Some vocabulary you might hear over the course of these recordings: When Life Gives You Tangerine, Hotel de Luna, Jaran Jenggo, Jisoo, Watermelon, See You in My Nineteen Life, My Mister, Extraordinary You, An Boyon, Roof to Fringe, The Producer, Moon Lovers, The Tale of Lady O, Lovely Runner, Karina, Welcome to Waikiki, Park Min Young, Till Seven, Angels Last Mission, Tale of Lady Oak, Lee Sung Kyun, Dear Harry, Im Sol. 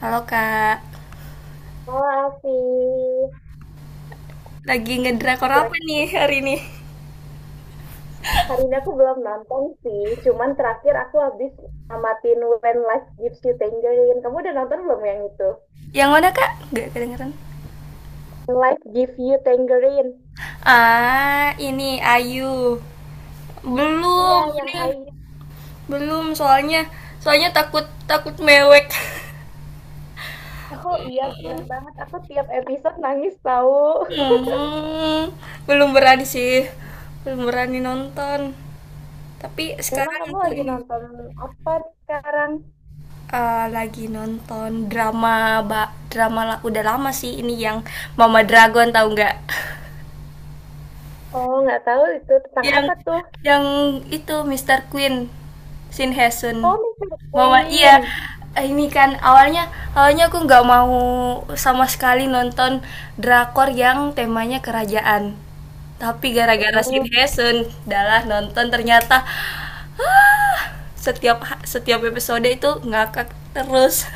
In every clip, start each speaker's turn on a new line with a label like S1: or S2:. S1: Halo kak,
S2: Oh, Alfi.
S1: lagi ngedrakor apa
S2: Kira-kira
S1: nih hari ini?
S2: hari ini aku belum nonton sih. Cuman terakhir aku habis amatin When Life Gives You Tangerine. Kamu udah nonton belum yang itu?
S1: Yang mana kak? Gak kedengeran.
S2: When Life Gives You Tangerine.
S1: Ah, ini Ayu.
S2: Iya,
S1: Belum,
S2: yang
S1: ini
S2: Ayu.
S1: belum soalnya soalnya takut takut mewek.
S2: Oh iya, bener banget. Aku tiap episode nangis tahu.
S1: Hmm, belum berani sih, belum berani nonton. Tapi
S2: Memang
S1: sekarang
S2: kamu
S1: aku
S2: lagi
S1: ini
S2: nonton apa sekarang?
S1: lagi nonton drama ba udah lama sih ini yang Mama Dragon tahu nggak?
S2: Oh, nggak tahu itu tentang
S1: Yang
S2: apa tuh?
S1: yang itu Mister Queen, Shin Hye Sun.
S2: Oh, Mister
S1: Iya,
S2: Queen.
S1: ini kan awalnya awalnya aku nggak mau sama sekali nonton drakor yang temanya kerajaan. Tapi gara-gara Shin
S2: Mm-mm.
S1: Hye Sun, dalah nonton ternyata setiap setiap episode itu ngakak terus.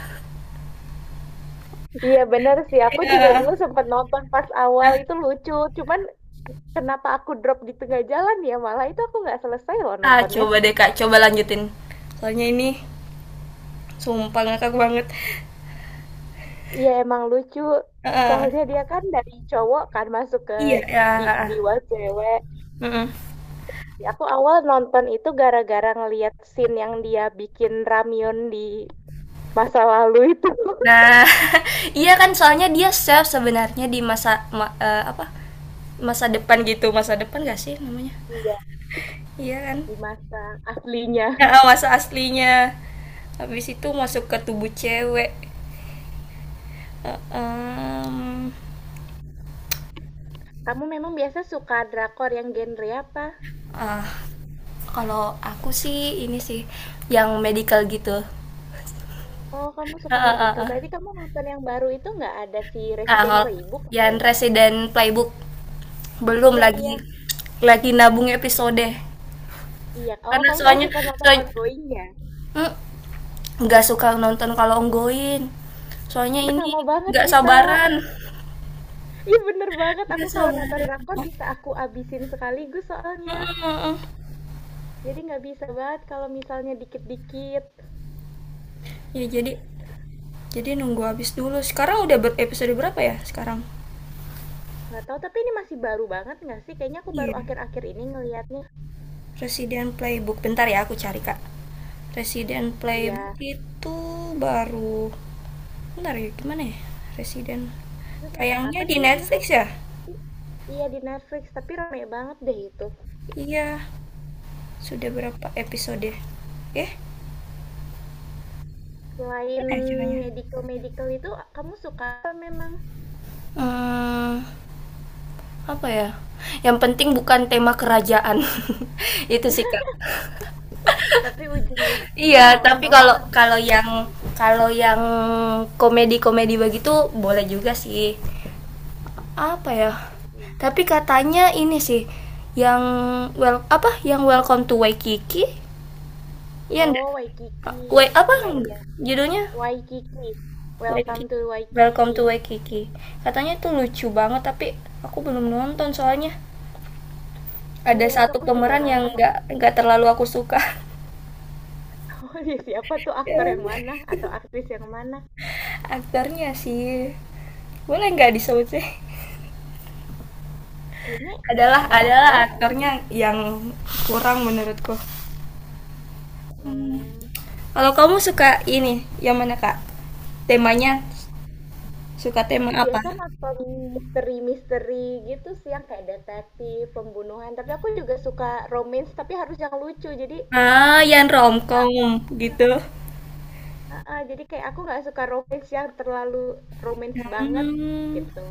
S2: Iya benar sih, aku juga
S1: Iya.
S2: dulu sempat nonton pas awal itu lucu, cuman kenapa aku drop di tengah jalan ya? Malah itu aku nggak selesai loh
S1: Ah,
S2: nontonnya.
S1: coba deh Kak, coba lanjutin. Soalnya ini sumpah ngakak banget.
S2: Iya emang lucu.
S1: Heeh.
S2: Soalnya dia kan dari cowok kan masuk ke
S1: Iya, ya.
S2: jiwa cewek.
S1: Heeh.
S2: Aku awal nonton itu gara-gara ngeliat scene yang dia bikin ramyun di masa lalu itu.
S1: Nah, iya kan soalnya dia chef sebenarnya di masa apa? Masa depan gitu, masa depan gak sih namanya?
S2: Iya,
S1: Iya kan?
S2: di masa aslinya.
S1: Ya, masa aslinya. Habis itu masuk ke tubuh cewek. Eh, em,
S2: Kamu memang biasa suka drakor yang genre apa?
S1: ah, Kalau aku sih ini sih yang medical gitu.
S2: Oh, kamu
S1: Ah,
S2: suka
S1: ah, ah,
S2: medical.
S1: ah.
S2: Berarti kamu nonton yang baru itu nggak ada si
S1: Nah,
S2: Resident
S1: kalau
S2: Playbook apa
S1: yang
S2: ya?
S1: resident playbook belum
S2: Iya,
S1: lagi
S2: iya.
S1: lagi nabung episode.
S2: Iya. Oh,
S1: Karena
S2: kamu nggak
S1: soalnya
S2: suka nonton
S1: soalnya,
S2: ongoing-nya?
S1: nggak suka nonton kalau onggoin soalnya
S2: Ih,
S1: ini
S2: sama banget
S1: nggak
S2: kita.
S1: sabaran
S2: Ih, bener banget. Aku
S1: nggak
S2: kalau nonton
S1: sabaran.
S2: drakor bisa aku abisin sekaligus soalnya.
S1: Mm-mm.
S2: Jadi nggak bisa banget kalau misalnya dikit-dikit.
S1: Ya jadi nunggu habis dulu sekarang udah episode berapa ya sekarang.
S2: Nggak tahu, tapi ini masih baru banget nggak sih? Kayaknya aku baru
S1: Iya,
S2: akhir-akhir ini ngelihatnya.
S1: Resident Playbook bentar ya aku cari kak. Resident Playbook
S2: Iya.
S1: itu baru bentar ya gimana ya Resident
S2: Itu tentang
S1: tayangnya
S2: apa
S1: di
S2: sih ya?
S1: Netflix ya.
S2: Tapi- Iya di Netflix, tapi rame banget deh itu.
S1: Iya sudah berapa episode eh gimana
S2: Selain
S1: ya caranya.
S2: medical-medical itu, kamu suka apa memang?
S1: Hmm, apa ya? Yang penting bukan tema kerajaan. Itu sih, Kak.
S2: Tapi
S1: Iya,
S2: ujung-ujungnya malah
S1: tapi kalau
S2: nonton.
S1: kalau yang komedi-komedi begitu boleh juga sih. Apa ya?
S2: Waikiki.
S1: Tapi katanya ini sih yang well apa yang Welcome to Waikiki, ya enggak,
S2: Oh, Waikiki.
S1: Apa
S2: Iya, iya.
S1: judulnya,
S2: Waikiki,
S1: Waikiki,
S2: Welcome to
S1: Welcome to
S2: Waikiki.
S1: Waikiki katanya tuh lucu banget tapi aku belum nonton soalnya ada
S2: Iya, itu
S1: satu
S2: aku juga
S1: pemeran yang
S2: nonton.
S1: nggak nggak terlalu aku suka.
S2: Oh iya siapa tuh aktor
S1: Dan
S2: yang mana atau aktris yang mana?
S1: aktornya sih boleh nggak disebut sih?
S2: Kayaknya
S1: Adalah
S2: nggak
S1: adalah
S2: masalah sih.
S1: aktornya yang kurang menurutku.
S2: Hmm,
S1: Kalau kamu suka ini, yang mana kak? Temanya suka tema
S2: aku
S1: apa?
S2: biasa nonton misteri-misteri gitu sih yang kayak detektif, pembunuhan. Tapi aku juga suka romance, tapi harus yang lucu. Jadi
S1: Ah, yang romcom
S2: iya,
S1: gitu.
S2: heeh, jadi kayak aku nggak suka romance yang terlalu romance banget
S1: Hmm,
S2: gitu.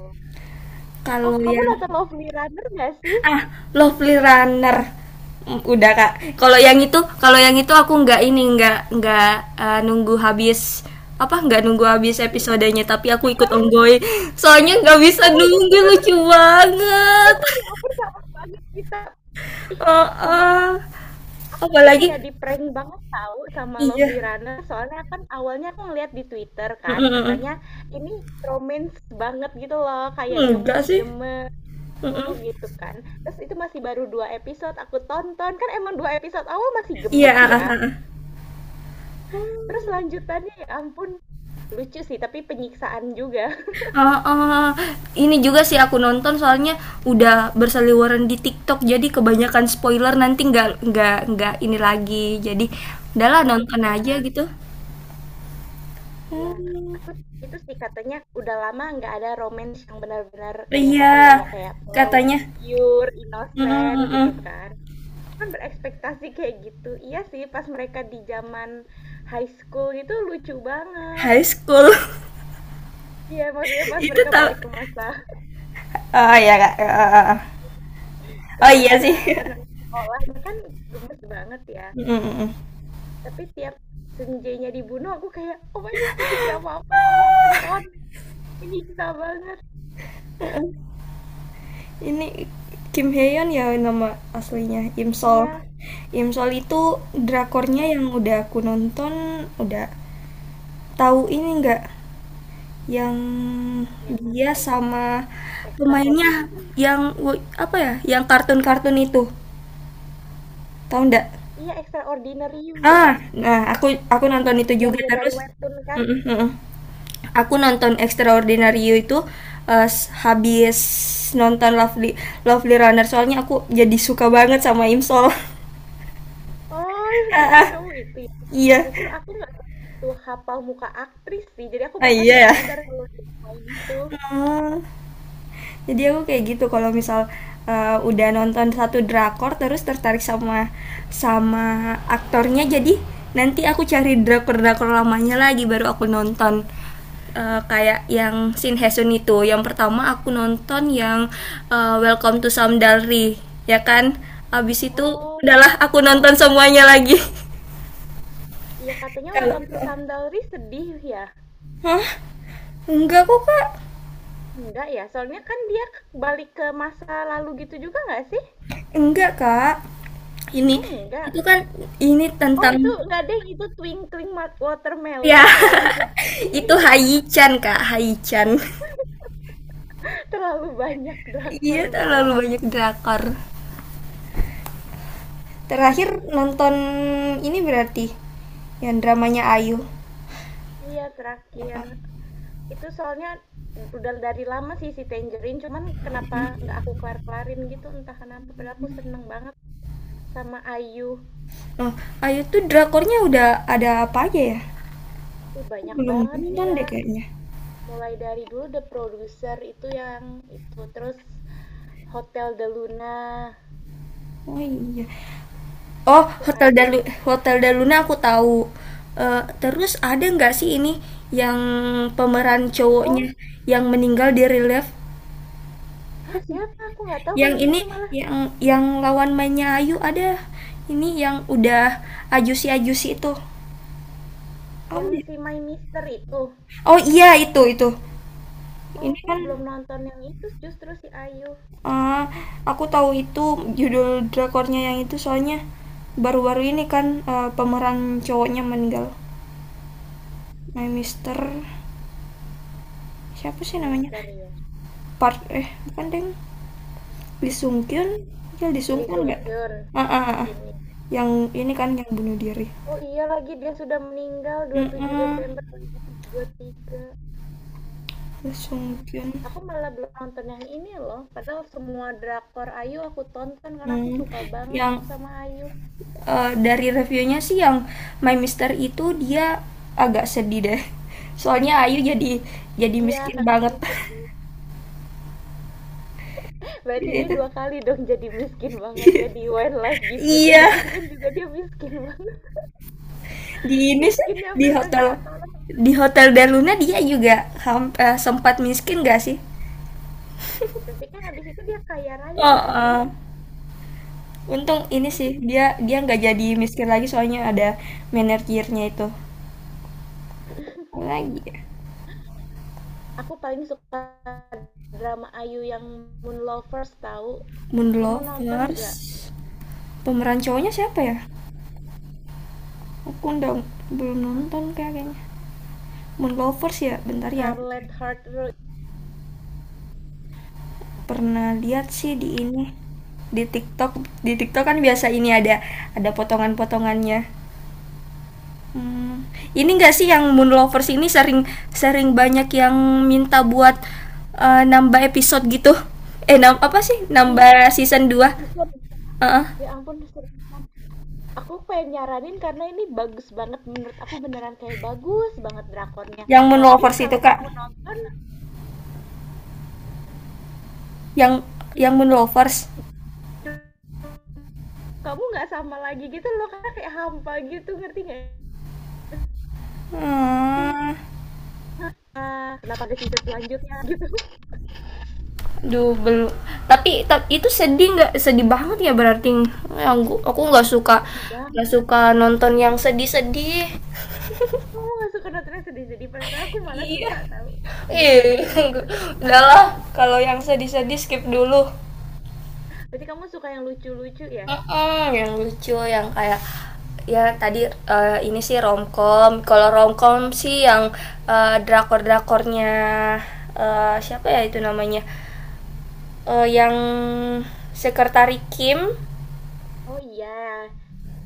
S2: Oh,
S1: kalau
S2: kamu
S1: yang
S2: nonton Lovely Runner nggak sih?
S1: ah, Lovely Runner. Mm, udah kak. Kalau yang itu aku nggak ini, nggak eh, nunggu habis apa nggak nunggu habis episodenya tapi aku ikut
S2: Bener.
S1: onggoy soalnya nggak bisa
S2: Oh my
S1: nunggu
S2: God,
S1: lucu banget.
S2: bener ya ampun sama banget kita.
S1: Oh,
S2: Sumpah
S1: oh.
S2: aku tuh
S1: Apalagi
S2: kayak di-prank banget tahu sama
S1: iya.
S2: Lovely Runner soalnya kan awalnya aku ngeliat di Twitter kan katanya
S1: Mm-mm.
S2: ini romance banget gitu loh kayak
S1: Enggak sih.
S2: gemes-gemes tuh
S1: Mm-mm.
S2: gitu kan. Terus itu masih baru dua episode aku tonton kan emang dua episode awal masih
S1: Iya,
S2: gemes
S1: ah, ah,
S2: ya.
S1: ah. Ah.
S2: Terus lanjutannya ya ampun lucu sih tapi penyiksaan juga.
S1: Ah, ah. Ini juga sih aku nonton soalnya udah berseliweran di TikTok jadi kebanyakan spoiler nanti nggak ini lagi jadi udahlah
S2: Oh
S1: nonton aja
S2: iya.
S1: gitu.
S2: Iya,
S1: Hmm,
S2: aku itu sih katanya udah lama nggak ada romance yang benar-benar kayak apa ya,
S1: iya
S2: kayak polos,
S1: katanya.
S2: pure,
S1: Mm,
S2: innocent
S1: mm, mm.
S2: gitu
S1: Mm,
S2: kan. Aku kan berekspektasi kayak gitu. Iya sih, pas mereka di zaman high school gitu lucu banget.
S1: high school.
S2: Iya, maksudnya pas
S1: Itu
S2: mereka
S1: tau.
S2: balik
S1: Oh iya kak. Ah. Oh, oh.
S2: ke
S1: Oh iya sih.
S2: masa apa namanya sekolah itu kan gemes banget ya.
S1: Mm, mm, mm.
S2: Tapi tiap Senjanya dibunuh aku kayak oh my god ini drama apa yang aku tonton menyiksa banget.
S1: Ini Kim Hyeon ya nama aslinya Im Sol.
S2: Iya,
S1: Im Sol itu
S2: itu
S1: drakornya yang udah aku nonton udah. Tahu ini nggak yang
S2: yang mana
S1: dia sama pemainnya
S2: Extraordinary.
S1: yang apa ya? Yang kartun-kartun itu. Tahu nggak?
S2: Iya, Extraordinary You
S1: Ah,
S2: ya?
S1: nah aku nonton itu
S2: Yang
S1: juga
S2: dia dari
S1: terus.
S2: webtoon kan?
S1: Mm-mm, mm-mm. Aku nonton Extraordinary You itu habis nonton Lovely Lovely Runner soalnya aku jadi suka banget sama Imsol.
S2: Oh, justru kamu itu ya?
S1: Iya.
S2: Justru aku nggak begitu hafal muka aktris sih, jadi aku
S1: Ah
S2: bahkan
S1: iya
S2: nggak
S1: ya.
S2: nyadar kalau dia main itu.
S1: Hmm. Jadi aku kayak gitu kalau misal udah nonton satu drakor terus tertarik sama sama aktornya jadi nanti aku cari drakor-drakor lamanya lagi baru aku nonton. Kayak yang Shin Hae-sun itu. Yang pertama aku nonton yang Welcome to Samdalri, ya kan? Abis itu
S2: Oh,
S1: udahlah aku
S2: mm-mm.
S1: nonton semuanya lagi.
S2: Iya katanya
S1: Kalau
S2: Welcome to Sandalri sedih ya?
S1: Hah? Enggak kok, Kak.
S2: Enggak ya, soalnya kan dia balik ke masa lalu gitu juga nggak sih?
S1: Enggak, Kak. Ini
S2: Oh enggak.
S1: itu kan ini
S2: Oh
S1: tentang.
S2: itu enggak deh, itu Twinkling Mat-
S1: Ya,
S2: Watermelon ya yang sedih.
S1: itu Haichan Kak, Haichan.
S2: Terlalu banyak drakor
S1: Iya, terlalu
S2: memang.
S1: banyak drakor. Terakhir nonton ini berarti yang dramanya Ayu.
S2: Iya terakhir. Itu soalnya udah dari lama sih si Tangerine, cuman kenapa nggak aku kelar-kelarin gitu entah kenapa. Padahal aku seneng banget sama Ayu.
S1: Nah, Ayu tuh drakornya udah ada apa aja ya?
S2: Ih,
S1: Aku
S2: banyak
S1: belum
S2: banget
S1: nonton
S2: dia.
S1: deh kayaknya.
S2: Mulai dari dulu The Producer itu yang itu, terus Hotel de Luna
S1: Oh iya. Oh,
S2: itu Ayu.
S1: Hotel Daluna aku tahu. Eh, terus ada nggak sih ini yang pemeran cowoknya
S2: Oh,
S1: yang meninggal di relief?
S2: ah
S1: Siapa?
S2: siapa? Aku nggak tahu kalau
S1: Yang
S2: yang
S1: ini
S2: itu malah
S1: yang yang lawan mainnya Ayu ada ini yang udah ajusi-ajusi itu. Apa
S2: yang
S1: dia?
S2: si My Mister itu.
S1: Oh iya itu itu.
S2: Oh,
S1: Ini
S2: aku
S1: kan
S2: belum nonton yang itu justru si Ayu.
S1: eh, aku tahu itu judul drakornya yang itu soalnya baru-baru ini kan pemeran cowoknya meninggal. Nah, Mister siapa
S2: My
S1: sih namanya?
S2: Mister ya.
S1: Park, eh, bukan deng. Lee Sung Kyun, ya Lee Sung
S2: Lee
S1: Kyun
S2: Sung
S1: nggak?
S2: Kyun
S1: Ah, ah, ah, ah.
S2: ini.
S1: Yang ini kan yang bunuh diri.
S2: Oh iya lagi dia sudah meninggal dua
S1: Mm-mm.
S2: puluh tujuh Desember 2023.
S1: Lee Sung
S2: Hmm.
S1: Kyun.
S2: Aku malah belum nonton yang ini loh. Padahal semua drakor Ayu aku tonton karena aku
S1: Mmm,
S2: suka banget
S1: yang,
S2: sama Ayu.
S1: dari reviewnya sih yang My Mister itu dia agak sedih deh. Soalnya Ayu jadi
S2: Iya,
S1: miskin banget.
S2: katanya sedih. Berarti
S1: Dia
S2: dia
S1: itu
S2: dua kali dong jadi miskin banget ya di When Life Gives You
S1: iya,
S2: Tangerine kan juga dia miskin banget.
S1: di ini sih,
S2: Miskinnya
S1: di
S2: sampai udah nggak
S1: hotel
S2: ketolong.
S1: di Hotel del Luna dia juga sempat miskin gak sih?
S2: Tapi kan habis itu dia kaya raya nggak sih?
S1: Heeh, untung ini sih, dia dia nggak jadi miskin lagi soalnya ada manajernya itu. Apalagi ya?
S2: Aku paling suka drama Ayu yang Moon Lovers tahu.
S1: Moon
S2: Kamu nonton nggak?
S1: Lovers, pemeran cowoknya siapa ya? Aku belum nonton Kak, kayaknya. Moonlovers ya, bentar ya.
S2: Scarlet Heart Road.
S1: Pernah lihat sih di ini di TikTok. Di TikTok kan biasa ini ada potongan-potongannya. Hmm, ini enggak sih yang Moonlovers ini sering sering banyak yang minta buat nambah episode gitu. Eh, nam Apa sih?
S2: Iya,
S1: Nambah season dua.
S2: season.
S1: Heeh.
S2: Ya ampun, seriusan. Aku pengen nyaranin karena ini bagus banget menurut aku beneran kayak bagus banget drakornya.
S1: Yang
S2: Tapi
S1: Moonlovers itu,
S2: kalau
S1: Kak.
S2: kamu nonton,
S1: Yang yang Moonlovers.
S2: dr- kamu nggak sama lagi gitu loh karena kayak hampa gitu, ngerti nggak sih?
S1: Hmm.
S2: Ah, kenapa ada season selanjutnya gitu?
S1: Duh, belum. Tapi, itu sedih nggak? Sedih banget ya berarti. Yang aku
S2: Sedih
S1: nggak
S2: banget.
S1: suka nonton yang sedih-sedih.
S2: Kamu nggak suka nonton yang sedih-sedih, padahal aku malah
S1: Iya.
S2: suka tahu menyiksa
S1: Ih,
S2: diri.
S1: udahlah. Kalau yang sedih-sedih skip dulu.
S2: Berarti kamu suka yang lucu-lucu ya?
S1: Mm-mm, yang lucu, yang kayak ya tadi ini sih romcom. Kalau romcom sih yang drakor-drakornya siapa ya itu namanya? Yang Sekretari Kim
S2: Oh iya,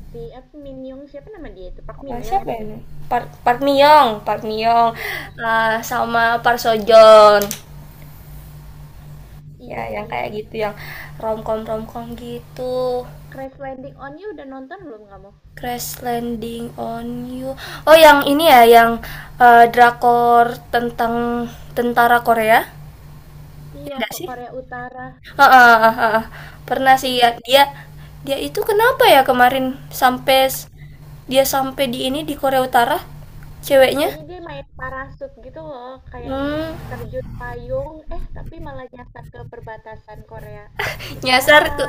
S2: si apa Min Young siapa nama dia itu? Park
S1: apa
S2: Min Young
S1: siapa
S2: ya?
S1: ini? Park Park Miyong, Park Miyong,
S2: Iya,
S1: sama Park Sojon. Ya,
S2: iya
S1: yang
S2: iya.
S1: kayak gitu, yang romcom romcom gitu.
S2: Crash Landing on You udah nonton belum kamu?
S1: Crash Landing on You. Oh, yang ini ya, yang drakor tentang tentara Korea. Ya
S2: Iya,
S1: enggak
S2: kok
S1: sih?
S2: Korea Utara.
S1: Heeh, heeh, heeh. Pernah
S2: Ih,
S1: sih ya.
S2: sumpah.
S1: Dia dia itu kenapa ya kemarin sampai dia sampai di ini di Korea Utara
S2: Ih,
S1: ceweknya?
S2: pokoknya dia main parasut gitu loh, kayak
S1: Hmm,
S2: terjun payung, eh tapi malah nyasar ke perbatasan Korea
S1: nyasar
S2: Utara.
S1: ke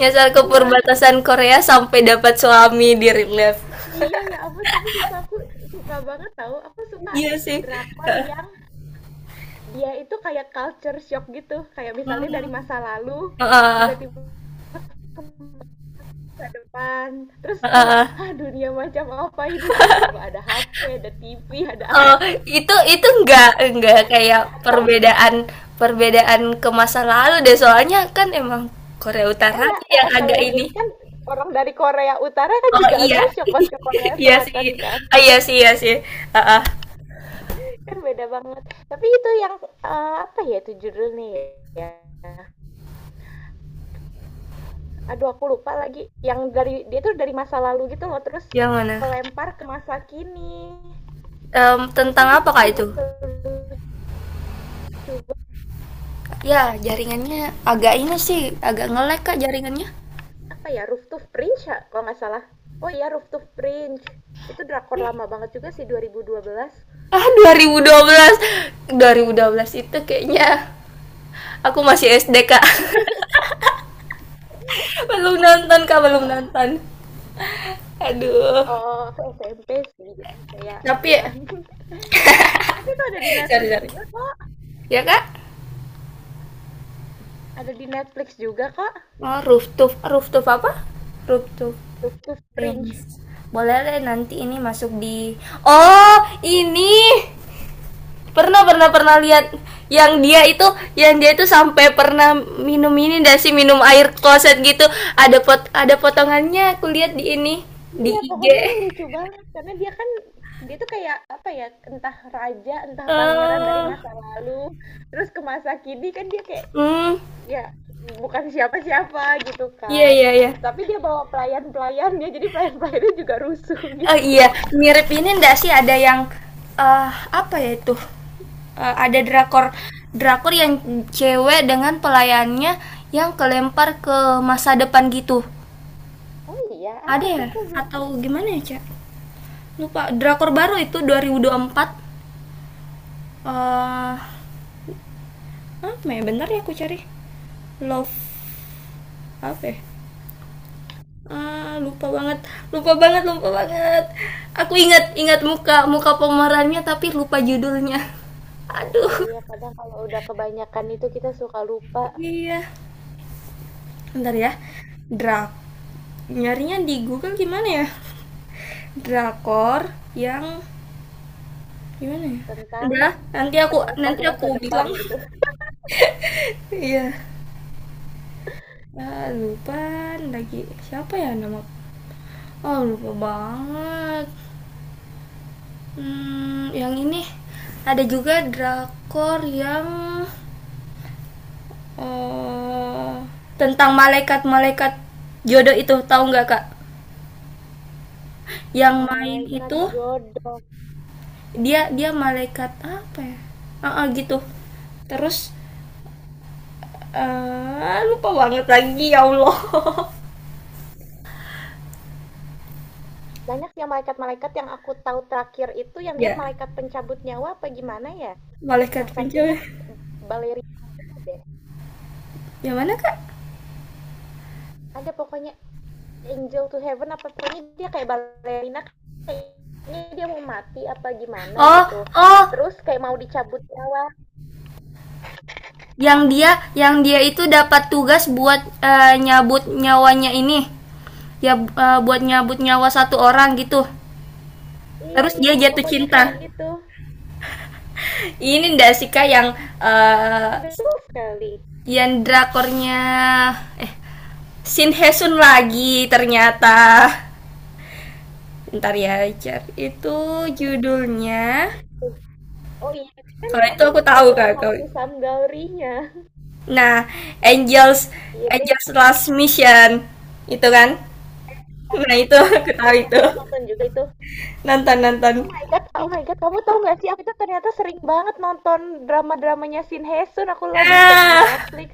S1: nyasar ke
S2: Iya,
S1: perbatasan Korea sampai dapat suami di real life.
S2: iya ya ampun, tapi sumpah aku suka banget tahu. Aku suka
S1: Iya sih.
S2: drakor yang dia itu kayak culture shock gitu, kayak misalnya
S1: Heeh,
S2: dari masa lalu
S1: heeh.
S2: tiba-tiba ke depan. Terus kayak,
S1: Heeh.
S2: ah dunia macam apa ini? Tiba-tiba ada HP, ada TV, ada
S1: Oh,
S2: apa.
S1: itu enggak kayak
S2: Tahu,
S1: perbedaan perbedaan ke masa lalu deh soalnya kan emang Korea Utara
S2: nggak,
S1: tuh yang
S2: kalau
S1: agak
S2: yang
S1: ini.
S2: ini kan orang dari Korea Utara kan
S1: Oh
S2: juga
S1: iya.
S2: agak shock pas ke Korea
S1: Iya sih.
S2: Selatan kan.
S1: Ah, iya sih iya sih. Heeh.
S2: Kan beda banget. Tapi itu yang, apa ya itu judulnya ya? Aduh aku lupa lagi. Yang dari, dia tuh dari masa lalu gitu loh. Terus
S1: Yang mana.
S2: kelempar ke masa kini. Itu
S1: Tentang apa kak itu.
S2: juga lucu
S1: Ya
S2: banget.
S1: jaringannya agak ini sih agak ngelek kak jaringannya.
S2: Apa ya, Roof to Fringe ya kalau nggak salah. Oh iya Roof to Fringe itu drakor lama banget juga sih 2012.
S1: Ah 2012 itu kayaknya aku masih SD kak. Belum nonton kak belum nonton aduh.
S2: Oh oh, oh, aku SMP sih jadi kayak
S1: Tapi
S2: ya.
S1: ya,
S2: Tapi itu ada di
S1: sorry
S2: Netflix
S1: sorry
S2: juga kok,
S1: ya kak.
S2: ada di Netflix juga kok.
S1: Oh rooftop rooftop apa rooftop
S2: Roof to
S1: prince
S2: Fringe.
S1: boleh deh nanti ini masuk di. Oh ini pernah pernah pernah
S2: Iya,
S1: lihat yang dia itu sampai pernah minum ini dan sih minum air kloset gitu. Ada potongannya aku lihat di ini di
S2: iya,
S1: IG
S2: pokoknya ini lucu banget karena dia kan dia tuh kayak apa ya entah raja entah pangeran dari masa lalu terus ke masa kini kan dia kayak
S1: hmm
S2: ya bukan siapa-siapa gitu
S1: iya
S2: kan.
S1: iya iya.
S2: Tapi dia bawa pelayan-pelayannya, jadi pelayan-pelayannya juga rusuh
S1: Oh
S2: gitu.
S1: iya mirip ini ndak sih ada yang eh apa ya itu. Ada drakor drakor yang cewek dengan pelayannya yang kelempar ke masa depan gitu.
S2: Oh iya, apa
S1: Ada
S2: tuh
S1: ya
S2: aku belum tahu.
S1: atau gimana ya Cak lupa drakor baru itu 2024 apa ya bentar ya aku cari. Love apa ya. Ah, lupa banget lupa banget lupa banget. Aku ingat ingat muka muka pemerannya tapi lupa judulnya. Aduh.
S2: Iya iya, kadang kalau udah kebanyakan itu kita suka lupa
S1: Iya bentar ya drak nyarinya di Google gimana ya drakor yang gimana ya.
S2: tentang
S1: Udah nanti aku
S2: terlempar
S1: nanti
S2: ke
S1: aku
S2: masa depan
S1: bilang.
S2: gitu.
S1: Iya. Ah, lupa lagi siapa ya nama. Oh lupa banget. Hmm, yang ini ada juga drakor yang eh, tentang malaikat-malaikat jodoh itu tahu nggak kak? Yang main
S2: Malaikat
S1: itu
S2: jodoh.
S1: dia dia malaikat apa ya? Ah, ah, gitu. Terus lupa banget lagi ya Allah.
S2: Banyak sih yang malaikat-malaikat yang aku tahu terakhir itu yang dia
S1: Ya
S2: malaikat pencabut nyawa apa gimana ya?
S1: malaikat
S2: Yang satunya
S1: pencuri.
S2: balerina deh.
S1: Yang mana kak?
S2: Ada pokoknya Angel to Heaven apa pokoknya dia kayak balerina. Ini dia mau mati apa gimana
S1: Oh
S2: gitu.
S1: oh
S2: Terus kayak mau dicabut nyawa.
S1: yang dia itu dapat tugas buat nyabut nyawanya ini ya buat nyabut nyawa satu orang gitu
S2: Iya
S1: terus
S2: iya,
S1: dia jatuh
S2: pokoknya
S1: cinta
S2: kayak gitu.
S1: ini ndak sih kak yang
S2: Ya,
S1: eh,
S2: betul sekali.
S1: yang drakornya eh Shin Hesun lagi ternyata ntar ya cari itu judulnya.
S2: Eh, oh iya, kan
S1: Kalau itu
S2: kamu
S1: aku
S2: nonton
S1: tahu kak
S2: Welcome to Some Gallery-nya.
S1: nah Angels
S2: Iya deh,
S1: Angels Last Mission itu kan nah itu aku
S2: keren.
S1: tahu
S2: Iya, kamu
S1: itu.
S2: udah nonton juga itu.
S1: Nantan Nantan.
S2: Oh my god, kamu tahu nggak sih aku tuh ternyata sering banget nonton drama-dramanya Shin Hye Sun. Aku lagi cek di
S1: Ah,
S2: Netflix.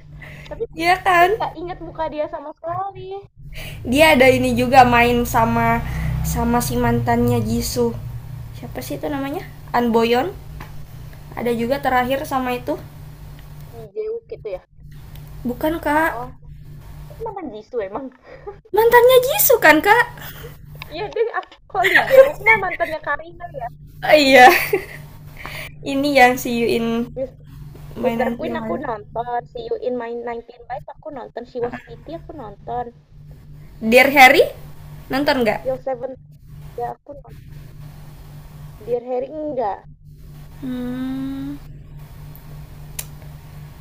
S2: Tapi
S1: iya
S2: aku
S1: kan?
S2: nggak ingat muka dia sama sekali.
S1: Dia ada ini juga main sama sama si mantannya Jisoo. Siapa sih itu namanya? An Boyon. Ada juga terakhir sama itu.
S2: Lee Jae-wook gitu ya.
S1: Bukan kak,
S2: Oh, itu mantan Jisoo emang.
S1: mantannya Jisoo kan kak?
S2: Iya deh, aku kok Lee Jae-wook mah mantannya Karina ya.
S1: Oh, iya, ini yang si Yuin
S2: Mis Mister
S1: mainan si
S2: Queen aku
S1: Wali.
S2: nonton, See You in My Nineteen Life aku nonton, She Was Pretty aku nonton,
S1: Dear Harry, nonton
S2: Till
S1: nggak?
S2: Seven juga aku nonton, Dear Harry enggak.
S1: Hmm,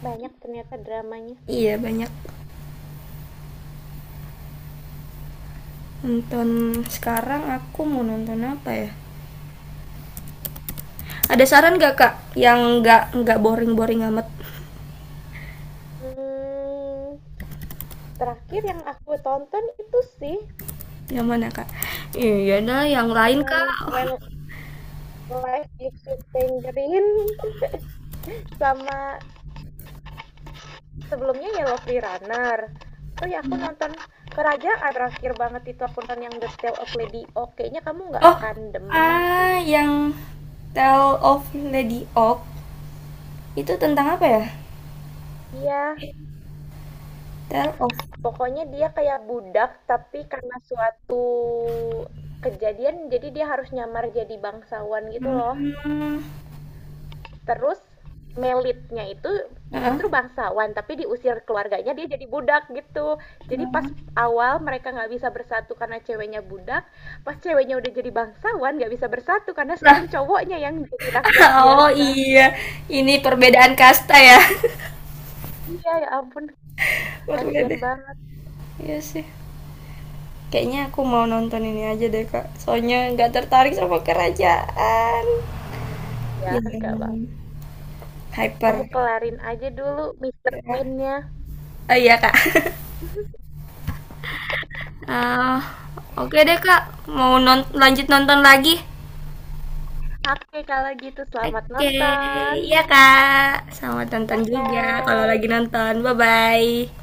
S2: Banyak ternyata dramanya.
S1: iya banyak nonton sekarang aku mau nonton apa ya ada saran nggak kak yang nggak boring boring amat.
S2: Hmm, terakhir yang aku tonton itu sih
S1: Yang mana, Kak? Iya dah, yang lain
S2: cuman When
S1: Kak.
S2: Life Gives You Tangerine sama sebelumnya Yellow Free Runner. Oh ya aku nonton Kerajaan terakhir banget itu aku nonton yang The Tale of Lady O. Kayaknya kamu nggak
S1: Oh,
S2: akan demen sih.
S1: yang Tale of Lady Oak itu tentang apa ya?
S2: Iya,
S1: Tale of
S2: pokoknya dia kayak budak, tapi karena suatu kejadian jadi dia harus nyamar jadi bangsawan gitu loh.
S1: Hmm.
S2: Terus Melitnya itu
S1: Heeh.
S2: justru bangsawan, tapi diusir keluarganya dia jadi budak gitu. Jadi pas
S1: Hmm.
S2: awal mereka nggak bisa bersatu karena ceweknya budak, pas ceweknya udah jadi bangsawan nggak bisa bersatu karena
S1: Lah,
S2: sekarang cowoknya yang jadi rakyat
S1: oh
S2: biasa.
S1: iya, ini perbedaan kasta ya.
S2: Iya ya ampun, kasihan
S1: Berbeda.
S2: banget.
S1: Iya sih. Kayaknya aku mau nonton ini aja deh, Kak. Soalnya nggak tertarik sama kerajaan
S2: Iya, nggak apa.
S1: yang
S2: Kamu
S1: hyper.
S2: kelarin aja dulu Mister
S1: Ya.
S2: Queen-nya.
S1: Oh iya, Kak. Ah, oke deh Kak, mau lanjut nonton lagi?
S2: Oke, kalau gitu selamat
S1: Oke,
S2: nonton.
S1: iya Kak. Selamat nonton juga kalau
S2: Bye-bye.
S1: lagi nonton. Bye-bye.